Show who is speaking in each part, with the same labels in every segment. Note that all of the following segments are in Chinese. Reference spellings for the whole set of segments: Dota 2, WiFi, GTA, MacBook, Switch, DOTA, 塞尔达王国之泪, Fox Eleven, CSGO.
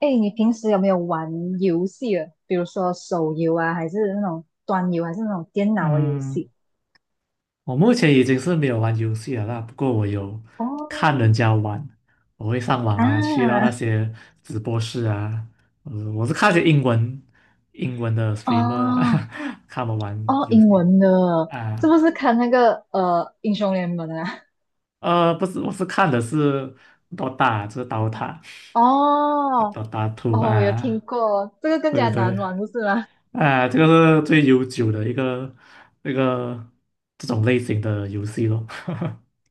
Speaker 1: 哎，你平时有没有玩游戏啊？比如说手游啊，还是那种端游，还是那种电脑的游
Speaker 2: 嗯，
Speaker 1: 戏？
Speaker 2: 我目前已经是没有玩游戏了啦，不过我有看人
Speaker 1: 哦，
Speaker 2: 家玩，我会上网啊，去到那
Speaker 1: 啊，
Speaker 2: 些直播室啊，我是看一些英文的
Speaker 1: 哦，
Speaker 2: streamer 啦，看他们玩
Speaker 1: 哦，
Speaker 2: 游
Speaker 1: 英
Speaker 2: 戏
Speaker 1: 文的，是
Speaker 2: 啊，
Speaker 1: 不是看那个英雄联盟啊？
Speaker 2: 不是，我是看的是 Dota，就是 Dota
Speaker 1: 哦，
Speaker 2: Two
Speaker 1: 哦，我有听
Speaker 2: 啊，
Speaker 1: 过，这个更加
Speaker 2: 对
Speaker 1: 难
Speaker 2: 对。
Speaker 1: 玩，不是吗？
Speaker 2: 啊，这个是最悠久的一个那个这种类型的游戏咯。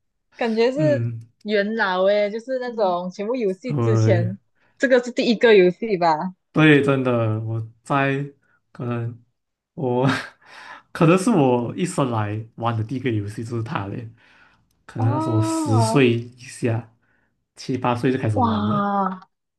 Speaker 1: 感觉 是
Speaker 2: 嗯，
Speaker 1: 元老诶，就是那种全部游戏之
Speaker 2: 对，
Speaker 1: 前，这个是第一个游戏吧？
Speaker 2: 对，真的，我在可能我 可能是我一生来玩的第一个游戏就是它嘞，可能那时候我十
Speaker 1: 哦，
Speaker 2: 岁以下，七八岁就开始玩了，
Speaker 1: 哇，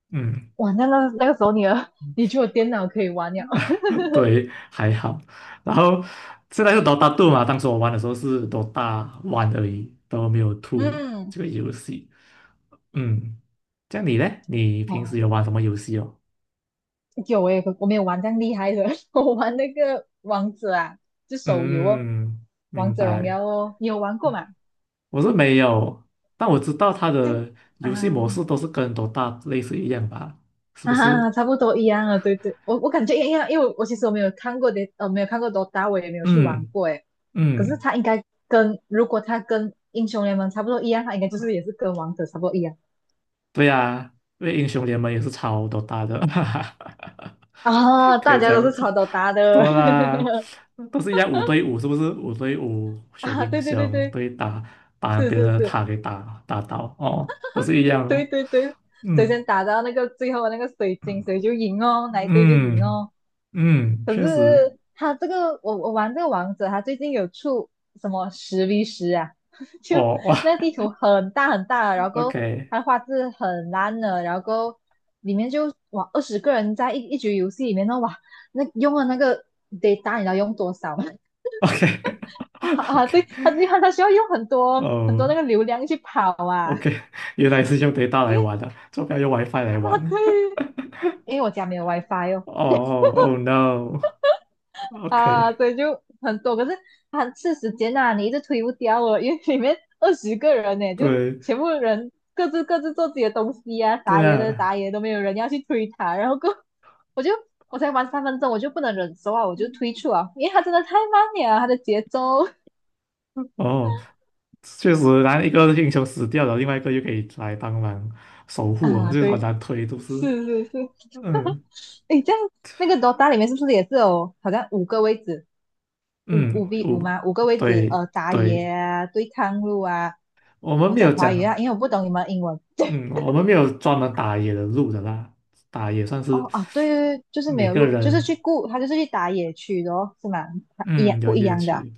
Speaker 2: 嗯，
Speaker 1: 哇，那个时候你的，你就有电脑可以玩了。
Speaker 2: 对，还好。然后现在是 Dota 2嘛，当时我玩的时候是 Dota One 而已，都没有 TO
Speaker 1: 嗯，
Speaker 2: 这个游戏。嗯，这样你嘞？你平
Speaker 1: 哦，
Speaker 2: 时有玩什么游戏哦？
Speaker 1: 有我没有玩这样厉害的，我玩那个王者啊，就手游哦，
Speaker 2: 嗯，
Speaker 1: 王
Speaker 2: 明
Speaker 1: 者荣
Speaker 2: 白。
Speaker 1: 耀哦，你有玩过吗？
Speaker 2: 我是没有，但我知道他的
Speaker 1: 啊
Speaker 2: 游戏模式都是跟多大类似一样吧？是不
Speaker 1: 啊，
Speaker 2: 是？
Speaker 1: 差不多一样啊，对对，我感觉一样，因为我其实我没有看过的，没有看过 DOTA，我也没有去玩
Speaker 2: 嗯
Speaker 1: 过诶，可是
Speaker 2: 嗯，
Speaker 1: 他应该如果他跟英雄联盟差不多一样，他应该就是也是跟王者差不多一样
Speaker 2: 对呀、因为英雄联盟也是超 Dota 的，哈哈，
Speaker 1: 啊，
Speaker 2: 可
Speaker 1: 大
Speaker 2: 以这
Speaker 1: 家都是
Speaker 2: 样子。
Speaker 1: 炒 DOTA 的
Speaker 2: 多啦，都是一样五对五，是不是？五对五选
Speaker 1: 啊，
Speaker 2: 英
Speaker 1: 对对对
Speaker 2: 雄，
Speaker 1: 对，
Speaker 2: 对打把
Speaker 1: 是
Speaker 2: 别人
Speaker 1: 是
Speaker 2: 的
Speaker 1: 是。
Speaker 2: 塔给打倒，哦，都是一样
Speaker 1: 对
Speaker 2: 哦。
Speaker 1: 对对，谁
Speaker 2: 嗯，
Speaker 1: 先打到那个最后的那个水晶，谁就赢哦，哪一队就赢
Speaker 2: 嗯
Speaker 1: 哦。
Speaker 2: 嗯，
Speaker 1: 可
Speaker 2: 确实，
Speaker 1: 是他这个，我玩这个王者，他最近有出什么10v10啊？就
Speaker 2: 哦，
Speaker 1: 那
Speaker 2: 哇
Speaker 1: 个地图很大很大，然 后
Speaker 2: ，OK。
Speaker 1: 它的画质很烂的，然后里面就哇二十个人在一局游戏里面呢，哇，那用了那个 data 你知道用多少吗？哇啊，
Speaker 2: OK，
Speaker 1: 对，他需要用很多很多
Speaker 2: 哦
Speaker 1: 那个流量去跑啊，
Speaker 2: ，OK，原来是用 data
Speaker 1: 因
Speaker 2: 来
Speaker 1: 为
Speaker 2: 玩的，做不边用 WiFi 来
Speaker 1: 他
Speaker 2: 玩。
Speaker 1: 对，因为我家没有 WiFi 哦。
Speaker 2: 哦，Oh，no，OK，
Speaker 1: 啊，对，就很多，可是它是时间呐、你一直推不掉哦，因为里面二十个人呢，就
Speaker 2: 对
Speaker 1: 全部人各自各自做自己的东西啊，
Speaker 2: 对
Speaker 1: 打野的
Speaker 2: 啊，
Speaker 1: 打野都没有人要去推它，然后过我就我才玩3分钟，我就不能忍受啊，我就退出啊，因为他真的太慢了，他的节奏
Speaker 2: 哦，确实，然后一个英雄死掉了，另外一个又可以来帮忙守护啊，
Speaker 1: 啊，
Speaker 2: 就是好
Speaker 1: 对，
Speaker 2: 难推，都是，
Speaker 1: 是是是，
Speaker 2: 嗯
Speaker 1: 诶，这样那个 DOTA 里面是不是也是有好像五个位置，五
Speaker 2: 嗯，
Speaker 1: 五 v 五
Speaker 2: 我
Speaker 1: 吗？五个位置，
Speaker 2: 对
Speaker 1: 打野
Speaker 2: 对，
Speaker 1: 啊，对抗路啊，
Speaker 2: 我们
Speaker 1: 我
Speaker 2: 没有
Speaker 1: 讲华语
Speaker 2: 讲，
Speaker 1: 啊，因为我不懂你们英文。
Speaker 2: 嗯，我们没有专门打野的路的啦，打野算是
Speaker 1: 哦啊，对对对，就是没
Speaker 2: 每
Speaker 1: 有
Speaker 2: 个
Speaker 1: 路，就是去
Speaker 2: 人。
Speaker 1: 顾，他就是去打野区的哦，是吗？他一样
Speaker 2: 嗯，有
Speaker 1: 不一
Speaker 2: 夜
Speaker 1: 样的啊？
Speaker 2: 区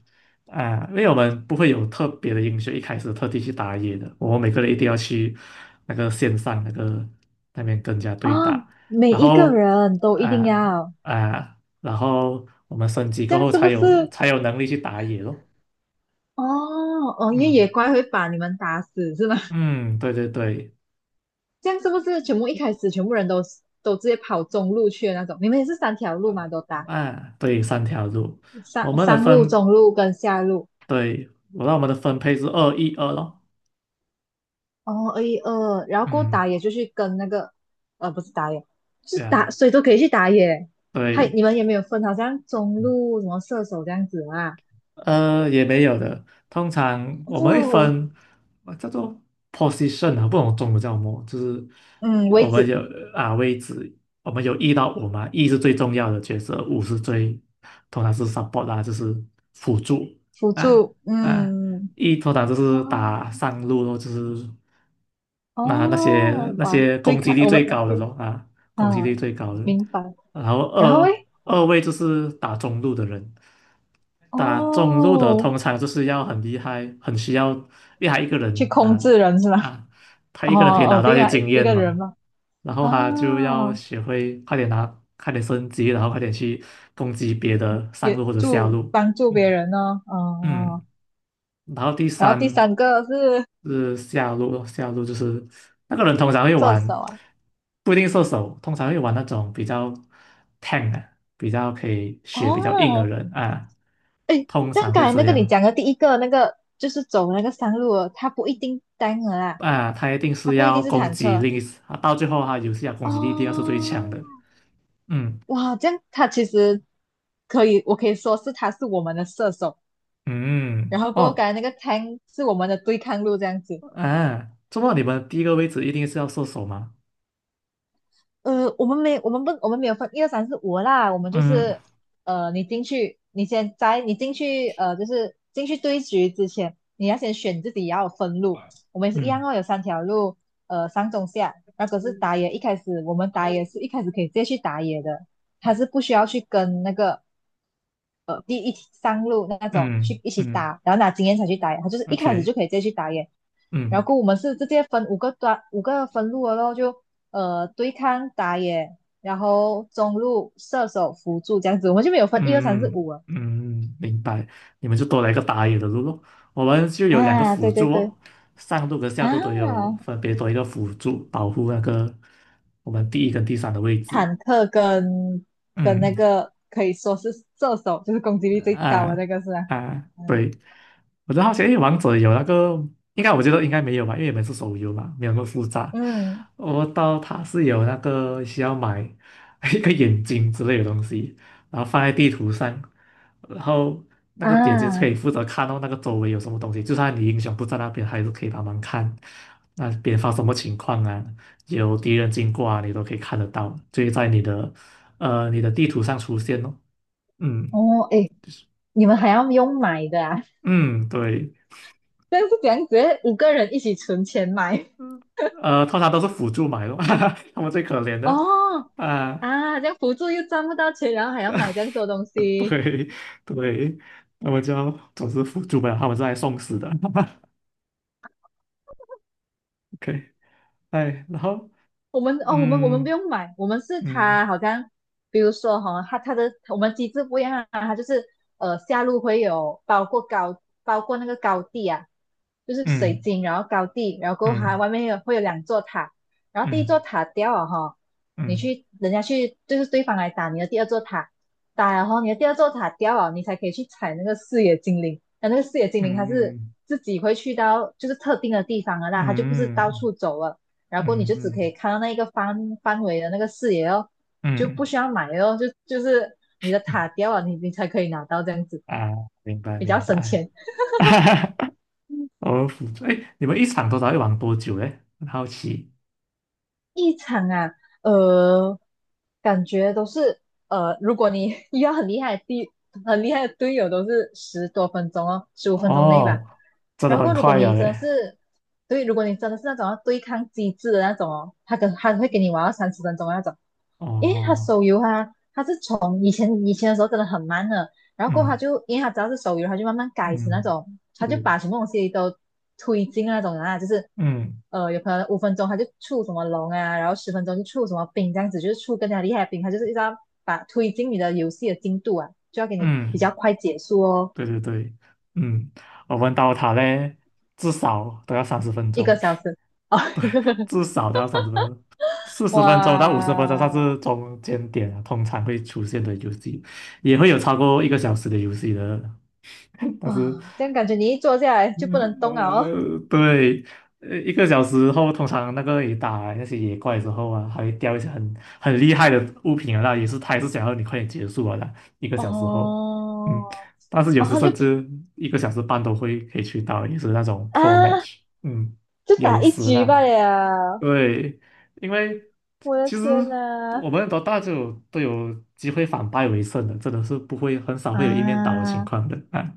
Speaker 2: 啊，因为我们不会有特别的英雄一开始特地去打野的，我们每个人一定要去那个线上那个那边跟人家对
Speaker 1: 哦
Speaker 2: 打，
Speaker 1: 每
Speaker 2: 然
Speaker 1: 一个
Speaker 2: 后
Speaker 1: 人都一定
Speaker 2: 啊
Speaker 1: 要，
Speaker 2: 然后我们升级
Speaker 1: 这
Speaker 2: 过
Speaker 1: 样
Speaker 2: 后
Speaker 1: 是不
Speaker 2: 才有
Speaker 1: 是？
Speaker 2: 才有能力去打野咯。
Speaker 1: 哦哦，因为野
Speaker 2: 嗯
Speaker 1: 怪会把你们打死是吗？
Speaker 2: 嗯，对对对，
Speaker 1: 这样是不是全部一开始全部人都直接跑中路去的那种？你们也是三条路
Speaker 2: 呃
Speaker 1: 嘛，都打
Speaker 2: 啊，对，三条路，我
Speaker 1: 上
Speaker 2: 们的
Speaker 1: 上路、
Speaker 2: 分，
Speaker 1: 中路跟下路
Speaker 2: 对，我们的分配是二一二咯。
Speaker 1: 哦，二一二，然后过后
Speaker 2: 嗯，
Speaker 1: 打野就去跟那个，不是打野，是
Speaker 2: 对
Speaker 1: 打，
Speaker 2: 啊，
Speaker 1: 谁都可以去打野。还
Speaker 2: 对。
Speaker 1: 你们也没有分，好像中路什么射手这样子啊？
Speaker 2: 呃，也没有的。通常我们会
Speaker 1: 哦，
Speaker 2: 分叫做 position 啊，不懂中文叫什么，就是
Speaker 1: 嗯，位
Speaker 2: 我们
Speaker 1: 置
Speaker 2: 有啊位置，我们有一到五嘛，一是最重要的角色，五是最通常是 support 啦、就是辅助
Speaker 1: 辅
Speaker 2: 啊
Speaker 1: 助，
Speaker 2: 啊，
Speaker 1: 嗯，
Speaker 2: 一通常就
Speaker 1: 哦，
Speaker 2: 是打上路咯，就是那些
Speaker 1: 哦，
Speaker 2: 那
Speaker 1: 哇，
Speaker 2: 些
Speaker 1: 对
Speaker 2: 攻击
Speaker 1: 抗
Speaker 2: 力
Speaker 1: 我们
Speaker 2: 最高的咯啊，攻击
Speaker 1: 啊，
Speaker 2: 力最高的。
Speaker 1: 明白。
Speaker 2: 然后
Speaker 1: 然后
Speaker 2: 二
Speaker 1: 诶，
Speaker 2: 二位就是打中路的人，打中路的
Speaker 1: 哦，
Speaker 2: 通常就是要很厉害，一个
Speaker 1: 去
Speaker 2: 人
Speaker 1: 控
Speaker 2: 拿
Speaker 1: 制人是吗？
Speaker 2: 啊，他一
Speaker 1: 哦
Speaker 2: 个人可以拿
Speaker 1: 哦，
Speaker 2: 到一
Speaker 1: 对
Speaker 2: 些
Speaker 1: 啊，
Speaker 2: 经
Speaker 1: 一
Speaker 2: 验
Speaker 1: 个人
Speaker 2: 嘛，
Speaker 1: 嘛。
Speaker 2: 然后他就要
Speaker 1: 哦，
Speaker 2: 学会快点拿，快点升级，然后快点去攻击别的上路或者下路。
Speaker 1: 帮助别
Speaker 2: 嗯，
Speaker 1: 人呢、哦。哦，
Speaker 2: 嗯，然后第
Speaker 1: 然后第
Speaker 2: 三
Speaker 1: 三个是
Speaker 2: 是下路咯，下路就是那个人通常会
Speaker 1: 射手
Speaker 2: 玩，
Speaker 1: 啊，
Speaker 2: 不一定射手，通常会玩那种比较 tank 啊，比较可以血比较硬的
Speaker 1: 哦，
Speaker 2: 人啊，
Speaker 1: 哎，
Speaker 2: 通
Speaker 1: 这样
Speaker 2: 常
Speaker 1: 刚
Speaker 2: 会
Speaker 1: 才
Speaker 2: 这
Speaker 1: 那个你
Speaker 2: 样
Speaker 1: 讲的第一个那个就是走那个山路了，它不一定单了啦，
Speaker 2: 啊，他一定
Speaker 1: 它
Speaker 2: 是
Speaker 1: 不一
Speaker 2: 要
Speaker 1: 定是
Speaker 2: 攻
Speaker 1: 坦
Speaker 2: 击
Speaker 1: 克
Speaker 2: 力，啊，到最后他游戏啊攻击力一定要是最强的，
Speaker 1: 哦，
Speaker 2: 嗯
Speaker 1: 哇，这样它其实可以，我可以说是它是我们的射手，
Speaker 2: 嗯
Speaker 1: 然
Speaker 2: 嗯
Speaker 1: 后过后刚
Speaker 2: 哦
Speaker 1: 才那个 tank 是我们的对抗路这样子。
Speaker 2: 啊，这么你们第一个位置一定是要射手吗？
Speaker 1: 我们没，我们不，我们没有分一二三四五啦，我们就
Speaker 2: 嗯
Speaker 1: 是，你进去，你先在你进去，就是进去对局之前，你要先选自己要分路。我们也是一样
Speaker 2: 嗯
Speaker 1: 哦，有三条路，上中下。那可是打野一开始，我们打野是一开始可以直接去打野的，他是不需要去跟那个第一上路那种
Speaker 2: 嗯
Speaker 1: 去一起
Speaker 2: 嗯
Speaker 1: 打，然后拿经验才去打野，他就是一开始就
Speaker 2: ，OK，
Speaker 1: 可以直接去打野。然
Speaker 2: 嗯
Speaker 1: 后我们是直接分五个分路了咯，就对抗打野，然后中路射手辅助这样子，我们就没有分一二三四
Speaker 2: 嗯
Speaker 1: 五啊。
Speaker 2: 嗯，嗯明白。你们就多了一个打野的路咯。我们就有两个
Speaker 1: 啊，
Speaker 2: 辅
Speaker 1: 对对
Speaker 2: 助
Speaker 1: 对
Speaker 2: 哦，上路跟下路都有
Speaker 1: 啊，
Speaker 2: 分别多一个辅助保护那个我们第一跟第三的位置。
Speaker 1: 坦克跟那
Speaker 2: 嗯
Speaker 1: 个可以说是射手，就是攻击力最高的
Speaker 2: 啊
Speaker 1: 那个是吧？
Speaker 2: 啊，
Speaker 1: 嗯
Speaker 2: 对，我就好奇，因为王者有那个，应该我觉得应该没有吧，因为你们是手游嘛，没有那么复杂。
Speaker 1: 嗯
Speaker 2: 我到它是有那个需要买 一个眼睛之类的东西，然后放在地图上，然后那个眼睛可
Speaker 1: 啊
Speaker 2: 以负责看到那个周围有什么东西，就算你英雄不在那边，还是可以帮忙看那边发生什么情况啊，有敌人经过啊，你都可以看得到，就会在你的你的地图上出现哦。嗯，
Speaker 1: 哦诶，你们还要用买的啊？
Speaker 2: 嗯，对，
Speaker 1: 这样是怎样？直接五个人一起存钱买
Speaker 2: 呃，通常都是辅助买的，他们最可怜的
Speaker 1: 哦
Speaker 2: 啊，
Speaker 1: 啊，这样辅助又赚不到钱，然后还要买这样多东 西
Speaker 2: 对对，他们就总是辅助买了，他们是来送死的。OK，哎，然后
Speaker 1: 我们哦，我们不
Speaker 2: 嗯
Speaker 1: 用买，我们是
Speaker 2: 嗯
Speaker 1: 他好像，比如说哈、他的我们机制不一样啊，它就是下路会有包括那个高地啊，就是水
Speaker 2: 嗯
Speaker 1: 晶，然后高地，然后过后它
Speaker 2: 嗯
Speaker 1: 外面会有两座塔，然后第一座
Speaker 2: 嗯
Speaker 1: 塔掉了哈、
Speaker 2: 嗯
Speaker 1: 人家去就是对方来打你的第二座塔，然后你的第二座塔掉了，你才可以去踩那个视野精灵，那个视野精灵它是
Speaker 2: 嗯
Speaker 1: 自己会去到就是特定的地方了啦，它就不是到
Speaker 2: 嗯
Speaker 1: 处走了。然后你
Speaker 2: 嗯
Speaker 1: 就只可以
Speaker 2: 嗯
Speaker 1: 看到那一个范围的那个视野哦，就不
Speaker 2: 嗯
Speaker 1: 需要买哦，就是你的
Speaker 2: 嗯
Speaker 1: 塔掉了，你才可以拿到这样子，
Speaker 2: 啊，明白
Speaker 1: 比较
Speaker 2: 明
Speaker 1: 省
Speaker 2: 白，
Speaker 1: 钱。
Speaker 2: 我哦，辅助，哎，你们一场多少会玩多久嘞？很好奇
Speaker 1: 一场啊，呃，感觉都是如果你 遇到很厉害的队友，都是10多分钟哦，15分钟内吧。
Speaker 2: 哦，真的
Speaker 1: 然
Speaker 2: 很
Speaker 1: 后如果
Speaker 2: 快呀
Speaker 1: 你真的
Speaker 2: 嘞。
Speaker 1: 是，对，如果你真的是那种要对抗机制的那种哦，他会给你玩到30分钟的那种。因为他
Speaker 2: 哦，
Speaker 1: 手游啊，他是从以前以前的时候真的很慢的，然后过后他
Speaker 2: 嗯
Speaker 1: 就因为他只要是手游，他就慢慢改成那
Speaker 2: 嗯，
Speaker 1: 种，他就
Speaker 2: 对，
Speaker 1: 把什么东西都推进那种啊，就是
Speaker 2: 嗯
Speaker 1: 有可能五分钟他就出什么龙啊，然后十分钟就出什么兵这样子，就是出更加厉害的兵，他就是一直要把推进你的游戏的进度啊，就要给你比
Speaker 2: 嗯，
Speaker 1: 较快结束哦，
Speaker 2: 对对对，嗯，我问到他嘞，至少都要三十分
Speaker 1: 一
Speaker 2: 钟，
Speaker 1: 个小时哦，
Speaker 2: 对，至少都要三十分钟，四十分钟到五十分钟算
Speaker 1: 哇
Speaker 2: 是中间点啊，通常会出现的游戏，也会有超过一个小时的游戏的，但是
Speaker 1: 啊，这样感觉你一坐下来就不能动了哦，
Speaker 2: 呃，对，呃，一个小时后，通常那个你打那些野怪之后啊，还会掉一些很厉害的物品啊，那也是他也是想要你快点结束啊的。一个小时后，嗯，
Speaker 1: 哦
Speaker 2: 但是有
Speaker 1: 哦，
Speaker 2: 时
Speaker 1: 他就
Speaker 2: 甚至一个小时半都会可以去到，也是那种 pro
Speaker 1: 啊
Speaker 2: match，嗯，
Speaker 1: 就
Speaker 2: 有
Speaker 1: 打一
Speaker 2: 时
Speaker 1: 局罢
Speaker 2: 啦，
Speaker 1: 了，
Speaker 2: 对，因为
Speaker 1: 我的
Speaker 2: 其实
Speaker 1: 天哪！
Speaker 2: 我们多大就有都有机会反败为胜的，真的是不会很少会有一面倒的情
Speaker 1: 啊，
Speaker 2: 况的啊，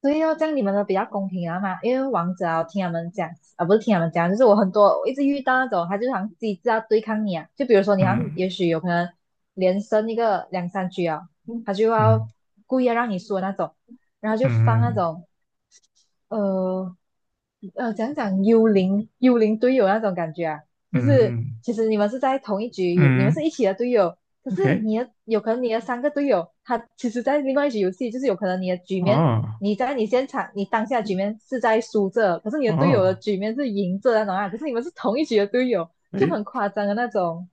Speaker 1: 对哦，这样你们的比较公平啊嘛，因为王者啊，我听他们讲啊，不是听他们讲，就是我很多我一直遇到那种，他就好像机制要对抗你啊，就比如说你好像
Speaker 2: 嗯
Speaker 1: 也许有可能连胜一个两三局啊，
Speaker 2: 嗯
Speaker 1: 他就要
Speaker 2: 嗯
Speaker 1: 故意要让你输的那种，然后就
Speaker 2: 嗯。
Speaker 1: 放那
Speaker 2: 嗯
Speaker 1: 种呃讲讲幽灵队友那种感觉啊，就是
Speaker 2: 嗯
Speaker 1: 其实你们是在同一局，你们
Speaker 2: 嗯
Speaker 1: 是一起的队友，可是
Speaker 2: ，OK，
Speaker 1: 有可能你的三个队友，他其实在另外一局游戏，就是有可能你的局面，
Speaker 2: 哦
Speaker 1: 你在你现场你当下局面是在输着，可是你的队友的
Speaker 2: 哦，
Speaker 1: 局面是赢着那种啊，可是你们是同一局的队友，就
Speaker 2: 诶
Speaker 1: 很夸张的那种，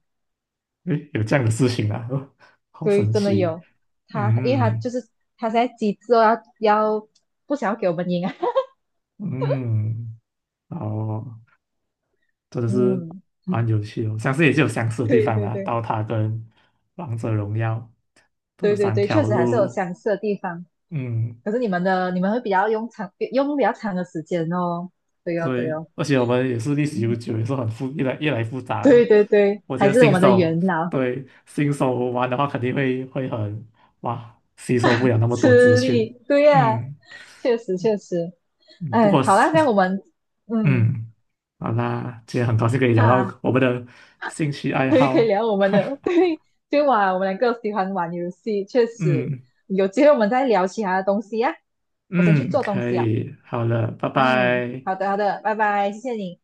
Speaker 2: 诶，有这样的事情啊，哦，好
Speaker 1: 对，
Speaker 2: 神
Speaker 1: 真的
Speaker 2: 奇，
Speaker 1: 有他，因为他
Speaker 2: 嗯
Speaker 1: 就是他现在机制哦，要不想要给我们赢啊，
Speaker 2: 嗯，哦，真的 是
Speaker 1: 嗯，
Speaker 2: 蛮有趣哦，我相信也是有相似的地
Speaker 1: 对
Speaker 2: 方
Speaker 1: 对
Speaker 2: 啦，
Speaker 1: 对
Speaker 2: 刀塔跟王者荣耀这
Speaker 1: 对对
Speaker 2: 三
Speaker 1: 对，确
Speaker 2: 条
Speaker 1: 实还是有
Speaker 2: 路，
Speaker 1: 相似的地方。
Speaker 2: 嗯
Speaker 1: 可是你们会比较用比较长的时间哦。对哦，对
Speaker 2: 对，
Speaker 1: 哦，
Speaker 2: 而且我们也是历史悠久，也是很复，越来越复杂
Speaker 1: 对
Speaker 2: 了。
Speaker 1: 对对，
Speaker 2: 我觉
Speaker 1: 还
Speaker 2: 得
Speaker 1: 是我们的元老
Speaker 2: 新手玩的话，肯定会很哇，吸收不了那么多资
Speaker 1: 吃
Speaker 2: 讯。
Speaker 1: 力。对呀、
Speaker 2: 嗯
Speaker 1: 确实确实。
Speaker 2: 嗯不
Speaker 1: 哎，
Speaker 2: 过
Speaker 1: 好啦，
Speaker 2: 是
Speaker 1: 这样 我们嗯
Speaker 2: 嗯，好啦，今天很高兴可以聊
Speaker 1: 哈，
Speaker 2: 到我们的兴趣爱
Speaker 1: 对，可以
Speaker 2: 好。
Speaker 1: 聊我 们的 对，就玩我们两个喜欢玩游戏，确实
Speaker 2: 嗯
Speaker 1: 有机会我们再聊其他的东西呀、我先去
Speaker 2: 嗯，
Speaker 1: 做东
Speaker 2: 可
Speaker 1: 西啊。
Speaker 2: 以，好了，拜
Speaker 1: 嗯，
Speaker 2: 拜。
Speaker 1: 好的好的，拜拜，谢谢你。